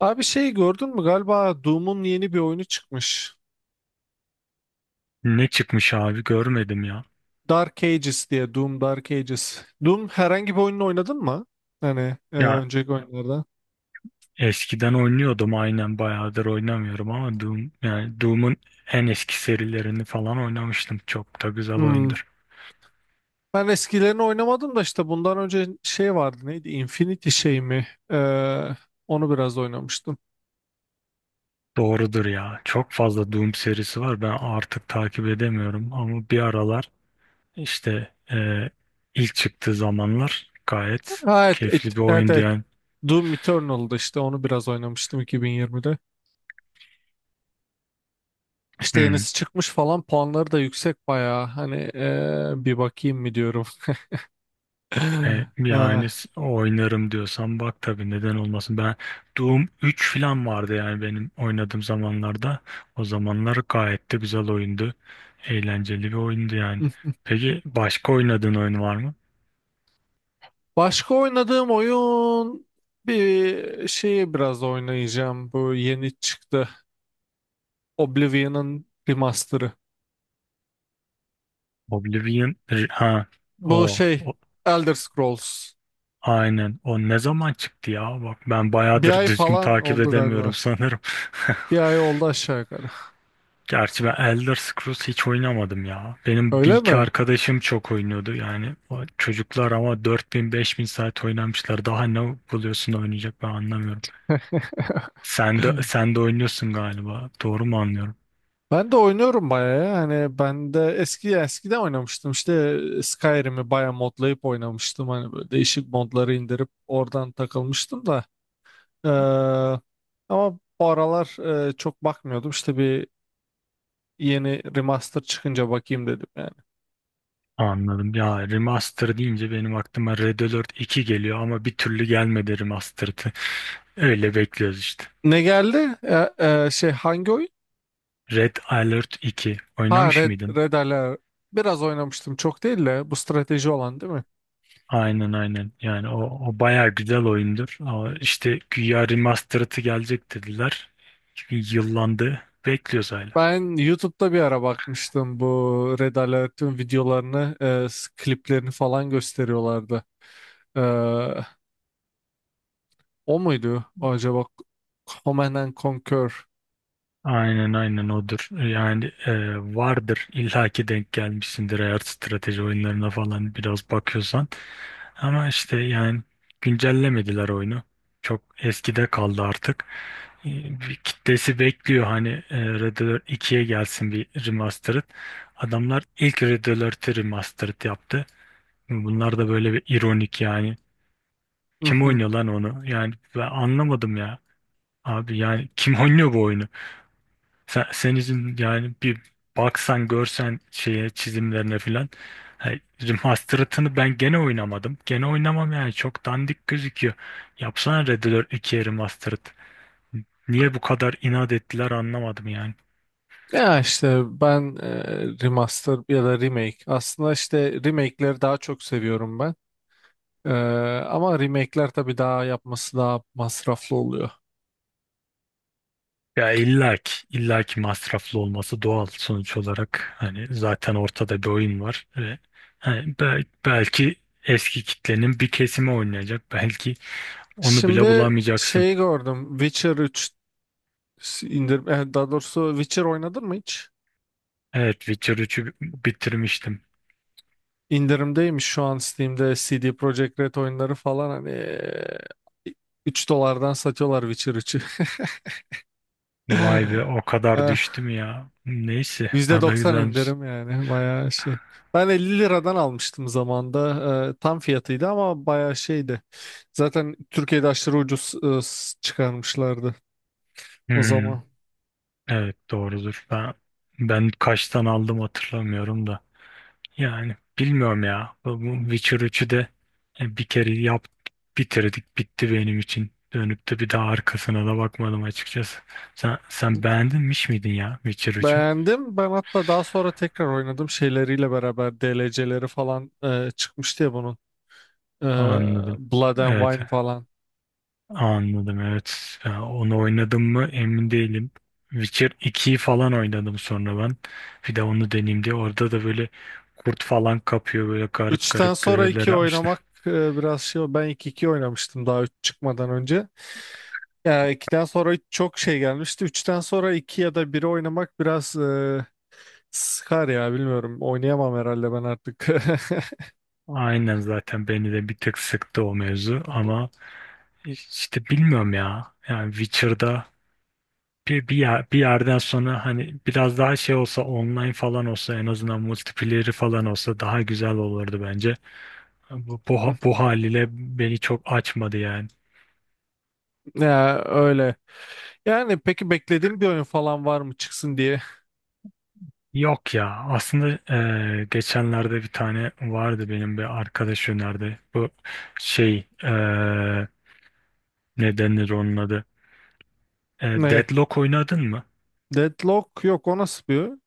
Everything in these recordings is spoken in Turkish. Abi şey gördün mü, galiba Doom'un yeni bir oyunu çıkmış. Ne çıkmış abi görmedim ya. Dark Ages diye, Doom Dark Ages. Doom herhangi bir oyununu oynadın mı? Hani Ya önceki oyunlarda. eskiden oynuyordum aynen bayağıdır oynamıyorum ama Doom yani Doom'un en eski serilerini falan oynamıştım. Çok da güzel Hmm. oyundur. Ben eskilerini oynamadım da işte bundan önce şey vardı, neydi? Infinity şey mi? Onu biraz oynamıştım. Doğrudur ya. Çok fazla Doom serisi var. Ben artık takip edemiyorum ama bir aralar işte ilk çıktığı zamanlar gayet Ha, evet, keyifli bir evet, oyundu evet. yani. Doom Eternal'dı, işte onu biraz oynamıştım 2020'de. İşte Hmm. yenisi çıkmış falan, puanları da yüksek bayağı. Hani bir bakayım mı diyorum. Yani oynarım diyorsan bak tabii neden olmasın. Ben Doom 3 falan vardı yani benim oynadığım zamanlarda. O zamanlar gayet de güzel oyundu. Eğlenceli bir oyundu yani. Ee, Peki başka oynadığın oyun var mı? Başka oynadığım oyun, bir şeyi biraz oynayacağım. Bu yeni çıktı. Oblivion'ın remaster'ı. Ha Bu o, şey, o Elder Scrolls. aynen o ne zaman çıktı ya? Bak ben Bir bayağıdır ay düzgün falan takip oldu edemiyorum galiba. sanırım. Bir ay oldu aşağı yukarı. Gerçi ben Elder Scrolls hiç oynamadım ya. Benim bir Öyle iki mi? arkadaşım çok oynuyordu yani. O çocuklar ama 4.000 5.000 saat oynamışlar. Daha ne buluyorsun da oynayacak ben anlamıyorum. Sen de oynuyorsun galiba. Doğru mu anlıyorum? Ben de oynuyorum bayağı ya. Hani ben de eskiden oynamıştım. İşte Skyrim'i bayağı modlayıp oynamıştım. Hani böyle değişik modları indirip oradan takılmıştım da. Ee, ama bu aralar çok bakmıyordum. İşte bir yeni remaster çıkınca bakayım dedim yani. Anladım. Ya remaster deyince benim aklıma Red Alert 2 geliyor ama bir türlü gelmedi remastered'ı. Öyle bekliyoruz işte. Ne geldi? Şey, hangi oyun? Red Alert 2 Ha oynamış Red, mıydın? Red Alert. Biraz oynamıştım, çok değil de, bu strateji olan değil mi? Aynen aynen. Yani o bayağı güzel oyundur. Ama işte güya remastered'ı gelecek dediler. Çünkü yıllandı. Bekliyoruz hala. Ben YouTube'da bir ara bakmıştım bu Red Alert'in videolarını, kliplerini falan gösteriyorlardı. Ee, o muydu acaba? Command and Conquer. Aynen aynen odur. Yani vardır illaki denk gelmişsindir eğer strateji oyunlarına falan biraz bakıyorsan. Ama işte yani güncellemediler oyunu. Çok eskide kaldı artık. E, bir kitlesi bekliyor hani Red Alert 2'ye gelsin bir remastered. Adamlar ilk Red Alert'i remastered yaptı. Bunlar da böyle bir ironik yani. Kim oynuyor lan onu? Yani ben anlamadım ya. Abi yani kim oynuyor bu oyunu? Sen, senin için yani bir baksan görsen şeye çizimlerine filan. Hani Remastered'ını ben gene oynamadım. Gene oynamam yani çok dandik gözüküyor. Yapsana Red Dead 2'ye Remastered. Niye bu kadar inat ettiler anlamadım yani. Ya işte ben remaster ya da remake. Aslında işte remake'leri daha çok seviyorum ben. E, ama remake'ler tabii daha yapması daha masraflı oluyor. Ya illaki, masraflı olması doğal sonuç olarak. Hani zaten ortada bir oyun var ve hani belki eski kitlenin bir kesimi oynayacak. Belki onu bile Şimdi bulamayacaksın. şeyi gördüm. Witcher 3 indir daha doğrusu, Witcher oynadın mı hiç? Evet, Witcher 3'ü bitirmiştim. İndirimdeymiş şu an Steam'de, CD Projekt Red oyunları falan hani 3 dolardan satıyorlar Witcher 3'ü. Vay be o kadar düştüm ya. Neyse, o da %90 güzelmiş. indirim yani, bayağı şey. Ben 50 liradan almıştım zamanda. Tam fiyatıydı ama bayağı şeydi. Zaten Türkiye'de aşırı ucuz çıkarmışlardı o Hmm. zaman. Evet doğrudur. Ben kaçtan aldım hatırlamıyorum da. Yani bilmiyorum ya. Bu Witcher 3'ü de bir kere bitirdik bitti benim için. Dönüp de bir daha arkasına da bakmadım açıkçası. Sen beğendin miydin ya Witcher 3'ü? Beğendim. Ben hatta daha sonra tekrar oynadım, şeyleriyle beraber DLC'leri falan çıkmıştı ya bunun. E, Anladım. Blood and Evet. Wine falan. Anladım evet. Ya, onu oynadım mı emin değilim. Witcher 2'yi falan oynadım sonra ben. Bir de onu deneyeyim diye. Orada da böyle kurt falan kapıyor. Böyle garip Üçten garip sonra görevler iki yapmışlar. oynamak biraz şey. Ben iki oynamıştım daha 3 çıkmadan önce. Ya 2'den sonra çok şey gelmişti. Üçten sonra 2 ya da 1'i oynamak biraz sıkar ya, bilmiyorum. Oynayamam herhalde ben artık. Aynen zaten beni de bir tık sıktı o mevzu ama işte bilmiyorum ya. Yani Witcher'da bir yerden sonra hani biraz daha şey olsa online falan olsa en azından multiplayer'i falan olsa daha güzel olurdu bence. Bu haliyle beni çok açmadı yani. Ya öyle. Yani peki, beklediğim bir oyun falan var mı çıksın diye? Yok ya aslında geçenlerde bir tane vardı benim bir arkadaş önerdi. Bu şey ne denir onun adı? Ne? Deadlock oynadın mı? Deadlock, yok o nasıl bir oyun?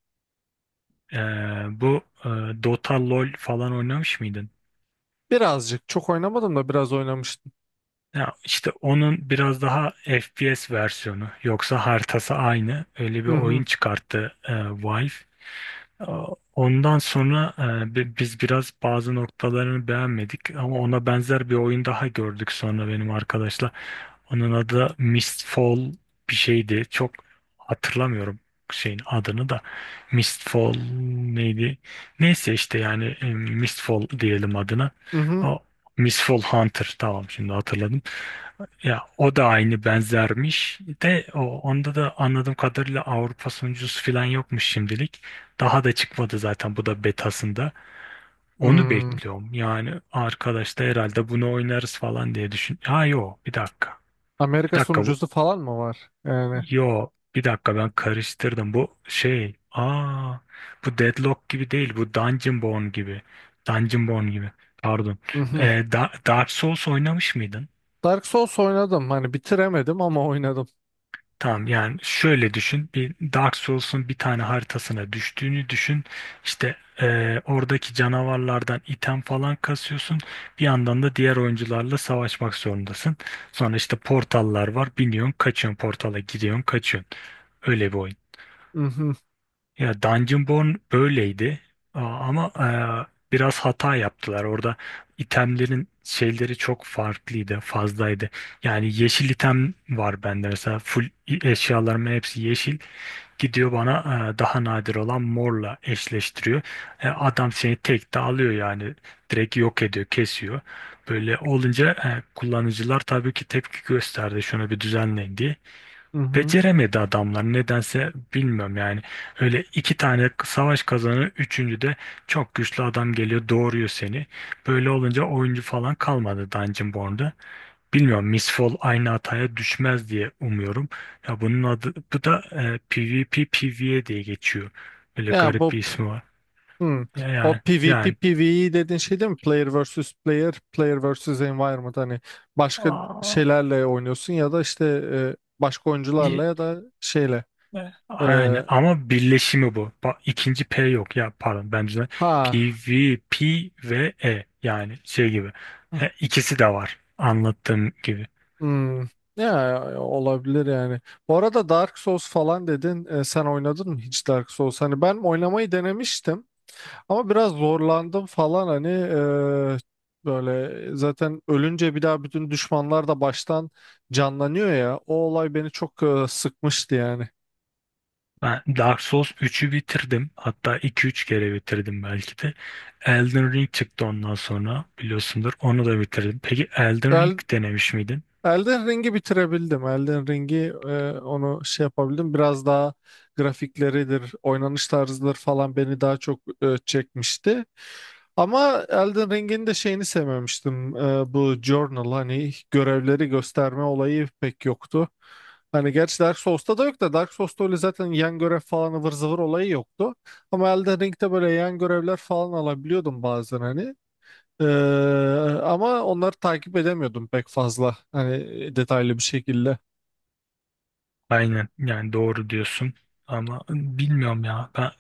Bu Dota LoL falan oynamış mıydın? Birazcık, çok oynamadım da biraz oynamıştım. Ya işte onun biraz daha FPS versiyonu yoksa haritası aynı öyle bir Hı hı. oyun çıkarttı Valve. Ee, Ondan sonra biz biraz bazı noktalarını beğenmedik ama ona benzer bir oyun daha gördük sonra benim arkadaşla. Onun adı Mistfall bir şeydi. Çok hatırlamıyorum şeyin adını da. Mistfall neydi? Neyse işte yani Mistfall diyelim adına. Hı hı. O Mistfall Hunter tamam şimdi hatırladım. Ya o da aynı benzermiş de onda da anladığım kadarıyla Avrupa sonuncusu falan yokmuş şimdilik. Daha da çıkmadı zaten bu da betasında. Onu Hmm. bekliyorum. Yani arkadaş da herhalde bunu oynarız falan diye düşün. Ha yo bir dakika. Bir Amerika dakika bu. sunucusu falan mı var? Yani. Yo bir dakika ben karıştırdım. Bu şey. Aa bu Deadlock gibi değil. Bu Dungeon Born gibi. Dungeon Born gibi. Pardon. Hı hı. Dark Souls oynamış mıydın? Dark Souls oynadım. Hani bitiremedim ama oynadım. Tamam yani şöyle düşün bir Dark Souls'un bir tane haritasına düştüğünü düşün işte oradaki canavarlardan item falan kasıyorsun bir yandan da diğer oyuncularla savaşmak zorundasın sonra işte portallar var biniyorsun kaçıyorsun portala gidiyorsun kaçıyorsun öyle bir oyun. Hı hı. Ya Dungeonborn böyleydi ama biraz hata yaptılar. Orada itemlerin şeyleri çok farklıydı, fazlaydı. Yani yeşil item var bende mesela full eşyalarımın hepsi yeşil. Gidiyor bana daha nadir olan morla eşleştiriyor. Adam seni tek de alıyor yani direkt yok ediyor, kesiyor. Böyle olunca kullanıcılar tabii ki tepki gösterdi şunu bir düzenleyin diye Hı hı. beceremedi adamlar nedense bilmiyorum yani öyle iki tane savaş kazanı üçüncü de çok güçlü adam geliyor doğuruyor seni böyle olunca oyuncu falan kalmadı Dungeonborn'da bilmiyorum Miss Fall aynı hataya düşmez diye umuyorum ya bunun adı bu da PvP PvE diye geçiyor böyle Ya garip bir bu ismi var Hmm. ya O yani PvP yani PvE dediğin şey değil mi? Player versus player, player versus environment. Hani başka Aa. şeylerle oynuyorsun ya da işte başka oyuncularla, ya da şeyle. E, Yani ama birleşimi bu. İkinci P yok ya pardon ben ha. PVP ve E yani şey gibi. He, ikisi de var anlattığım gibi. Hmm. Ya olabilir yani. Bu arada Dark Souls falan dedin. E, sen oynadın mı hiç Dark Souls? Hani ben oynamayı denemiştim. Ama biraz zorlandım falan, hani böyle zaten ölünce bir daha bütün düşmanlar da baştan canlanıyor ya. O olay beni çok sıkmıştı yani. Ben Dark Souls 3'ü bitirdim. Hatta iki üç kere bitirdim belki de. Elden Ring çıktı ondan sonra biliyorsundur. Onu da bitirdim. Peki Elden Ring denemiş miydin? Elden Ring'i bitirebildim. Elden Ring'i onu şey yapabildim. Biraz daha grafikleridir, oynanış tarzıdır falan beni daha çok çekmişti. Ama Elden Ring'in de şeyini sevmemiştim. E, bu journal, hani görevleri gösterme olayı pek yoktu. Hani gerçi Dark Souls'ta da yok da, Dark Souls'ta öyle zaten yan görev falan ıvır zıvır olayı yoktu. Ama Elden Ring'de böyle yan görevler falan alabiliyordum bazen hani. Ee, ama onları takip edemiyordum pek fazla. Hani detaylı bir şekilde. Aynen yani doğru diyorsun ama bilmiyorum ya ben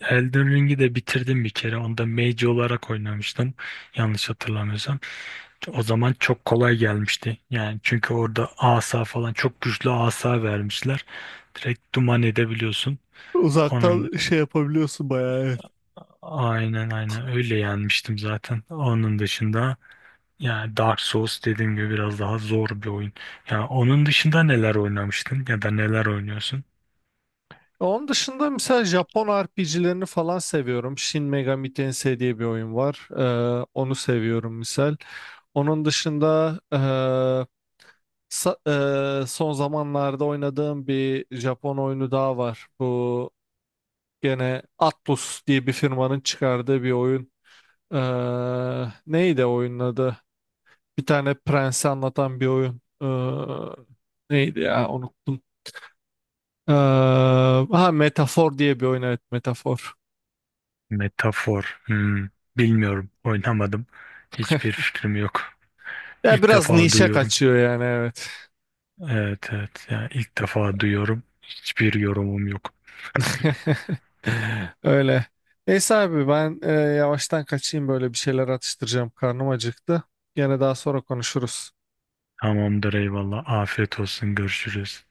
Elden Ring'i de bitirdim bir kere onda mage olarak oynamıştım yanlış hatırlamıyorsam o zaman çok kolay gelmişti yani çünkü orada asa falan çok güçlü asa vermişler direkt duman edebiliyorsun onun. Uzaktan şey yapabiliyorsun bayağı, evet. Aynen aynen öyle yenmiştim zaten. Onun dışında yani Dark Souls dediğim gibi biraz daha zor bir oyun. Yani onun dışında neler oynamıştın ya da neler oynuyorsun? Onun dışında mesela Japon RPG'lerini falan seviyorum. Shin Megami Tensei diye bir oyun var. Onu seviyorum misal. Onun dışında sa- son zamanlarda oynadığım bir Japon oyunu daha var. Bu gene Atlus diye bir firmanın çıkardığı bir oyun. Ee, neydi oyunun adı? Bir tane prensi anlatan bir oyun. Neydi ya, unuttum. Ee, ha Metafor diye bir oyun, evet Metafor. Metafor. Hmm, bilmiyorum. Oynamadım. Hiçbir fikrim yok. Ya İlk biraz defa nişe duyuyorum. kaçıyor yani, evet. Evet evet. Yani ilk defa duyuyorum. Hiçbir yorumum yok. Öyle. Neyse abi ben yavaştan kaçayım, böyle bir şeyler atıştıracağım. Karnım acıktı. Gene daha sonra konuşuruz. Tamamdır eyvallah. Afiyet olsun. Görüşürüz.